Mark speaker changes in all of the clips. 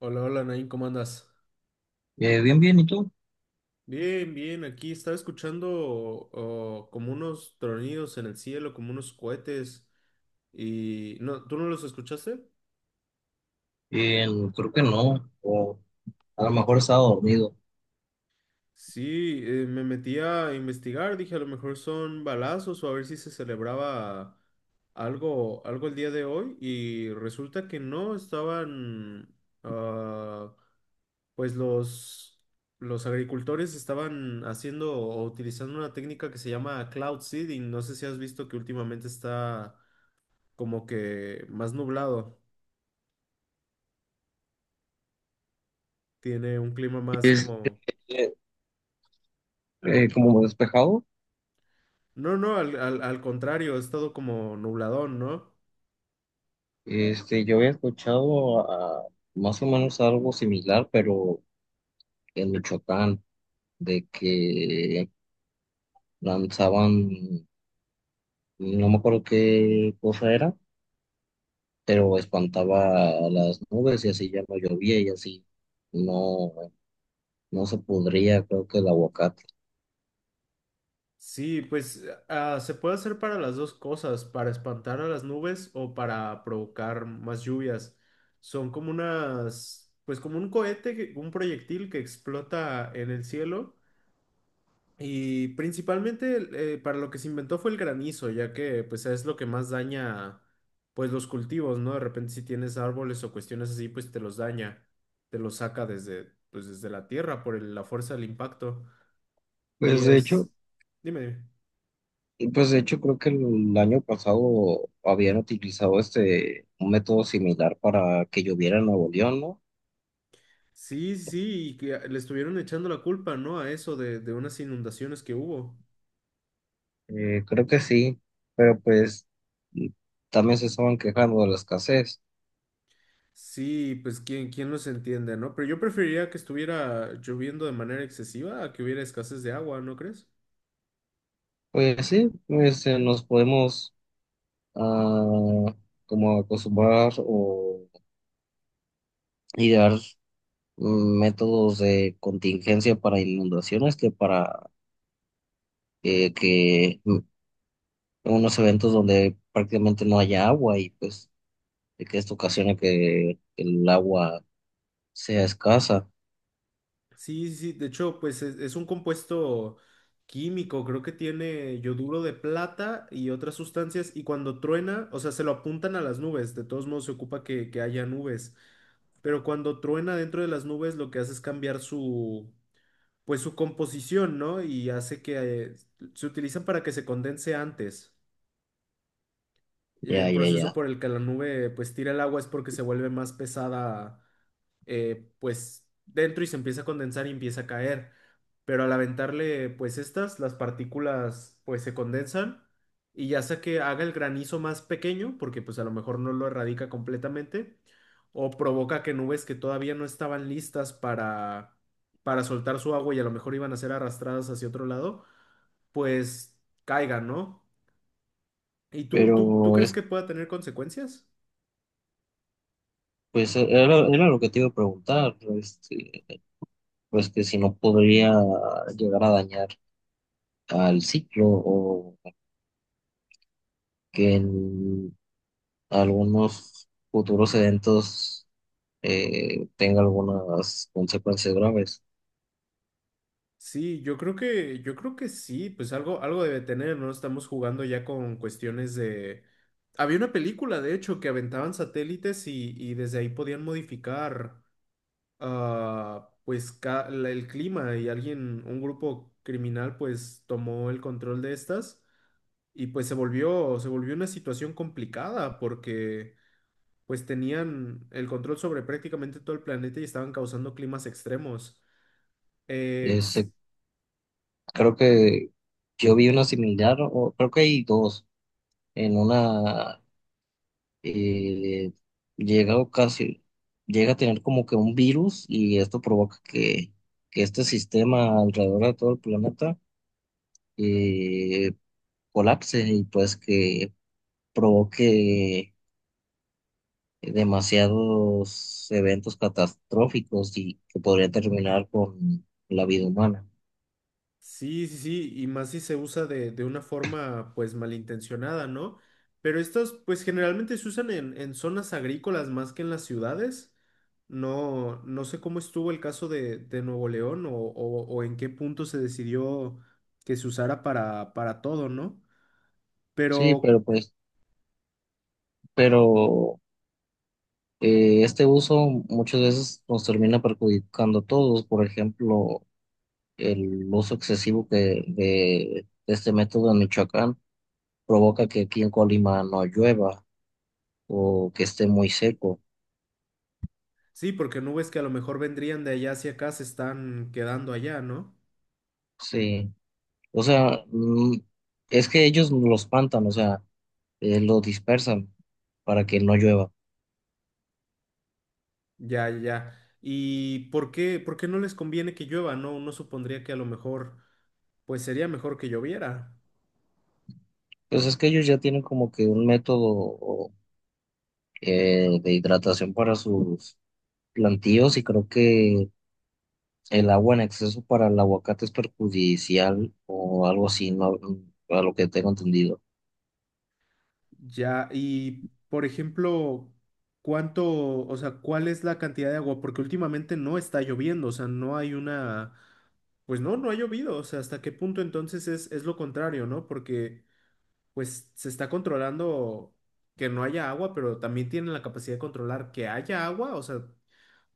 Speaker 1: Hola, hola, Nain, ¿cómo andas?
Speaker 2: Bien, bien, ¿y tú?
Speaker 1: Bien, bien, aquí estaba escuchando oh, como unos tronidos en el cielo, como unos cohetes y... No, ¿tú no los escuchaste?
Speaker 2: Eh, creo que no, o a lo mejor estaba dormido.
Speaker 1: Sí, me metí a investigar, dije a lo mejor son balazos o a ver si se celebraba algo, algo el día de hoy y resulta que no, estaban... ah, pues los agricultores estaban haciendo o utilizando una técnica que se llama cloud seeding. No sé si has visto que últimamente está como que más nublado, tiene un clima más
Speaker 2: Es
Speaker 1: como...
Speaker 2: eh, Como despejado.
Speaker 1: No, no, al contrario, ha estado como nubladón, ¿no?
Speaker 2: Yo había escuchado más o menos algo similar, pero en Michoacán, de que lanzaban, no me acuerdo qué cosa era, pero espantaba a las nubes y así ya no llovía y así no, no se podría, creo que el aguacate.
Speaker 1: Sí, pues ah, ah, se puede hacer para las dos cosas, para espantar a las nubes o para provocar más lluvias. Son como unas, pues como un cohete, un proyectil que explota en el cielo. Y principalmente para lo que se inventó fue el granizo, ya que pues es lo que más daña pues los cultivos, ¿no? De repente si tienes árboles o cuestiones así, pues te los daña, te los saca desde pues desde la tierra por la fuerza del impacto. Y
Speaker 2: Pues de hecho,
Speaker 1: es, dime, dime.
Speaker 2: Pues de hecho creo que el año pasado habían utilizado este un método similar para que lloviera en Nuevo León, ¿no?
Speaker 1: Sí, sí, y que le estuvieron echando la culpa, ¿no? A eso de unas inundaciones que hubo.
Speaker 2: Creo que sí, pero pues mm, también se estaban quejando de la escasez.
Speaker 1: Sí, pues quién, quién los entiende, ¿no? Pero yo preferiría que estuviera lloviendo de manera excesiva a que hubiera escasez de agua, ¿no crees?
Speaker 2: Pues sí, pues nos podemos ah, como acostumbrar o idear métodos de contingencia para inundaciones que para eh, que mm, unos eventos donde prácticamente no haya agua y pues de que esto ocasione que el agua sea escasa.
Speaker 1: Sí, sí, sí, de hecho, pues es un compuesto químico, creo que tiene yoduro de plata y otras sustancias, y cuando truena, o sea, se lo apuntan a las nubes, de todos modos se ocupa que haya nubes, pero cuando truena dentro de las nubes lo que hace es cambiar su, pues su composición, ¿no? Y hace que se utilizan para que se condense antes.
Speaker 2: Ya,
Speaker 1: El
Speaker 2: ya,
Speaker 1: proceso
Speaker 2: ya.
Speaker 1: por el que la nube pues tira el agua es porque se vuelve más pesada pues dentro y se empieza a condensar y empieza a caer. Pero al aventarle pues estas, las partículas pues se condensan y ya sea que haga el granizo más pequeño, porque pues a lo mejor no lo erradica completamente, o provoca que nubes que todavía no estaban listas para soltar su agua y a lo mejor iban a ser arrastradas hacia otro lado, pues caigan, ¿no? ¿Y tú
Speaker 2: Pero
Speaker 1: crees
Speaker 2: es,
Speaker 1: que pueda tener consecuencias?
Speaker 2: pues era lo que te iba a preguntar, pues que si no podría llegar a dañar al ciclo o que en algunos futuros eventos tenga algunas consecuencias graves.
Speaker 1: Sí, yo creo que sí, pues algo, algo debe tener, ¿no? Estamos jugando ya con cuestiones de... Había una película, de hecho, que aventaban satélites y desde ahí podían modificar, ah, pues, el clima y alguien, un grupo criminal, pues, tomó el control de estas y pues se volvió una situación complicada porque, pues, tenían el control sobre prácticamente todo el planeta y estaban causando climas extremos.
Speaker 2: Ese- Creo que yo vi una similar, o creo que hay dos. En una eh, llega a ocasi- llega a tener como que un virus y esto provoca que este sistema alrededor de todo el planeta eh, colapse y pues que provoque demasiados eventos catastróficos y que podría terminar con la vida humana.
Speaker 1: Sí, sí, sí, y más si se usa de una forma pues malintencionada, ¿no? Pero estas pues generalmente se usan en zonas agrícolas más que en las ciudades. No, no sé cómo estuvo el caso de Nuevo León o en qué punto se decidió que se usara para todo, ¿no?
Speaker 2: Sí,
Speaker 1: Pero
Speaker 2: pero pero este uso muchas veces nos termina perjudicando a todos. Por ejemplo, el uso excesivo de este método en Michoacán provoca que aquí en Colima no llueva o que esté muy seco.
Speaker 1: sí, porque nubes que a lo mejor vendrían de allá hacia acá se están quedando allá, ¿no?
Speaker 2: Sí, o sea, es que ellos lo espantan, o sea, lo dispersan para que no llueva.
Speaker 1: Ya, ya. ¿Y por qué no les conviene que llueva? No, uno supondría que a lo mejor pues sería mejor que lloviera.
Speaker 2: Pues es que ellos ya tienen como que un método de hidratación para sus plantíos y creo que el agua en exceso para el aguacate es perjudicial o algo así, no, a lo que tengo entendido.
Speaker 1: Ya, y por ejemplo, ¿cuánto, o sea, cuál es la cantidad de agua? Porque últimamente no está lloviendo, o sea, no hay una, pues no, no ha llovido, o sea, ¿hasta qué punto entonces es lo contrario, ¿no? Porque pues se está controlando que no haya agua, pero también tienen la capacidad de controlar que haya agua, o sea,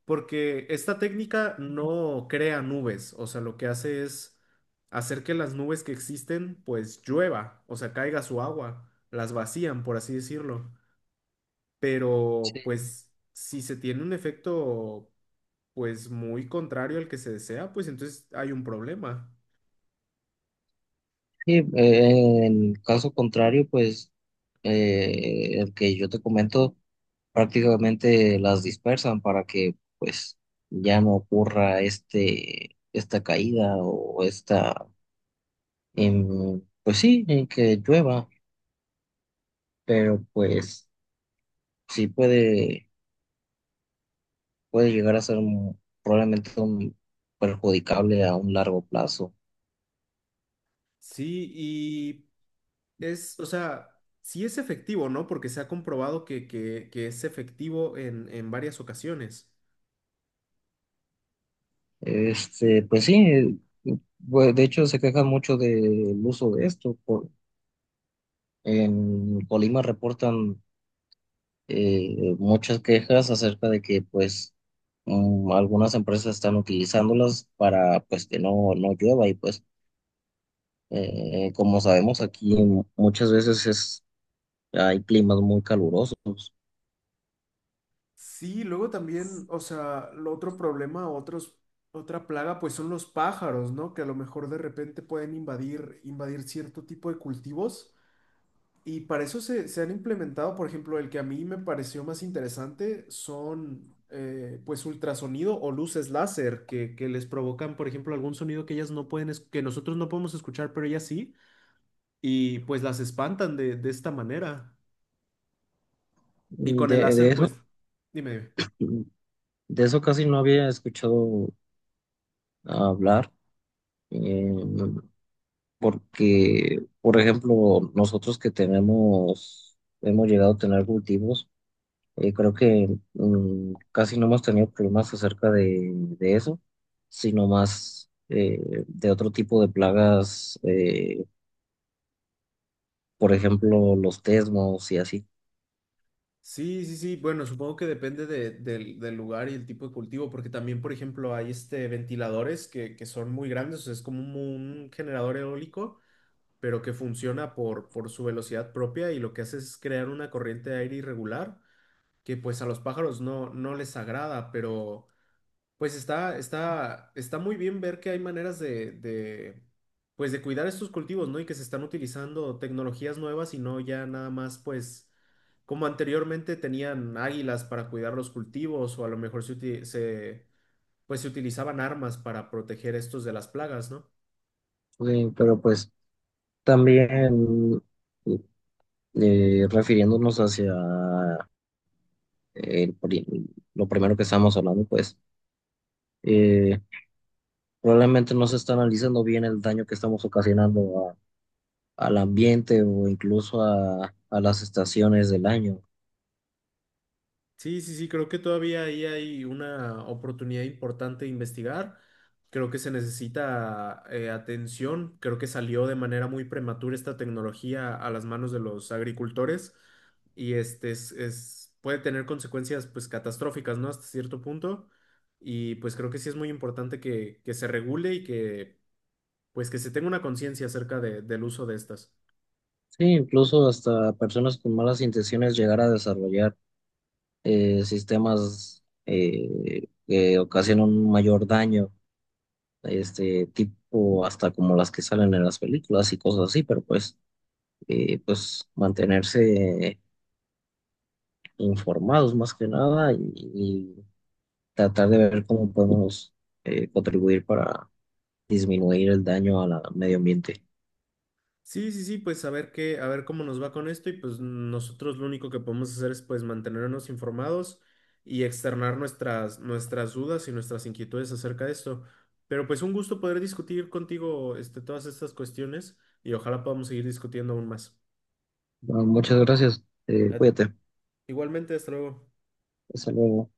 Speaker 1: porque esta técnica no crea nubes, o sea, lo que hace es hacer que las nubes que existen pues llueva, o sea, caiga su agua, las vacían, por así decirlo. Pero
Speaker 2: Sí.
Speaker 1: pues si se tiene un efecto pues muy contrario al que se desea, pues entonces hay un problema.
Speaker 2: Sí, en caso contrario, pues el que yo te comento prácticamente las dispersan para que pues ya no ocurra este, esta caída o esta, pues sí, en que llueva, pero pues sí puede, puede llegar a ser probablemente un perjudicable a un largo plazo.
Speaker 1: Sí, y es, o sea, sí es efectivo, ¿no? Porque se ha comprobado que es efectivo en varias ocasiones.
Speaker 2: Pues sí, de hecho se quejan mucho del uso de esto. En Colima reportan muchas quejas acerca de que pues algunas empresas están utilizándolas para pues que no, no llueva y pues como sabemos aquí muchas veces es, hay climas muy calurosos.
Speaker 1: Sí, luego también, o sea, lo otro problema, otros, otra plaga, pues son los pájaros, ¿no? Que a lo mejor de repente pueden invadir, invadir cierto tipo de cultivos. Y para eso se han implementado, por ejemplo, el que a mí me pareció más interesante son, pues, ultrasonido o luces láser que les provocan, por ejemplo, algún sonido que ellas no pueden, que nosotros no podemos escuchar, pero ellas sí, y pues las espantan de esta manera. Y con el
Speaker 2: De, de
Speaker 1: láser,
Speaker 2: eso,
Speaker 1: pues, dime. Dime.
Speaker 2: de eso casi no había escuchado hablar eh, porque, por ejemplo, nosotros que tenemos, hemos llegado a tener cultivos. Creo que casi no hemos tenido problemas acerca de eso, sino más de otro tipo de plagas, por ejemplo, los tesmos y así.
Speaker 1: Sí, sí, sí. Bueno, supongo que depende de- del lugar y el tipo de cultivo, porque también, por ejemplo, hay este ventiladores que son muy grandes, o sea, es como un generador eólico, pero que funciona por su velocidad propia y lo que hace es crear una corriente de aire irregular, que pues a los pájaros no, no les agrada, pero... Pues está, está, está muy bien ver que hay maneras pues de cuidar estos cultivos, ¿no? Y que se están utilizando tecnologías nuevas y no ya nada más, pues, como anteriormente tenían águilas para cuidar los cultivos o a lo mejor pues se utilizaban armas para proteger estos de las plagas, ¿no?
Speaker 2: Pero pues también refiriéndonos hacia el pri- lo primero que estábamos hablando, pues eh, probablemente no se está analizando bien el daño que estamos ocasionando al ambiente o incluso a las estaciones del año.
Speaker 1: Sí, sí, sí, creo que todavía ahí hay una oportunidad importante de investigar. Creo que se necesita atención. Creo que salió de manera muy prematura esta tecnología a las manos de los agricultores y este es, puede tener consecuencias pues catastróficas, ¿no? Hasta cierto punto. Y pues creo que sí es muy importante que se regule y que pues que se tenga una conciencia acerca de- del uso de estas.
Speaker 2: Sí, incluso hasta personas con malas intenciones llegar a desarrollar sistemas que ocasionan un mayor daño, este tipo hasta como las que salen en las películas y cosas así, pero pues, pues mantenerse informados más que nada y, y tratar de ver cómo podemos contribuir para disminuir el daño al medio ambiente.
Speaker 1: Sí, sí, sí, pues a ver qué, a ver cómo nos va con esto y pues nosotros lo único que podemos hacer es pues mantenernos informados y externar nuestras, nuestras dudas y nuestras inquietudes acerca de esto. Pero pues un gusto poder discutir contigo este, todas estas cuestiones y ojalá podamos seguir discutiendo aún más.
Speaker 2: Bueno, muchas gracias,
Speaker 1: Eh,
Speaker 2: cuídate,
Speaker 1: Igualmente, hasta luego.
Speaker 2: hasta luego.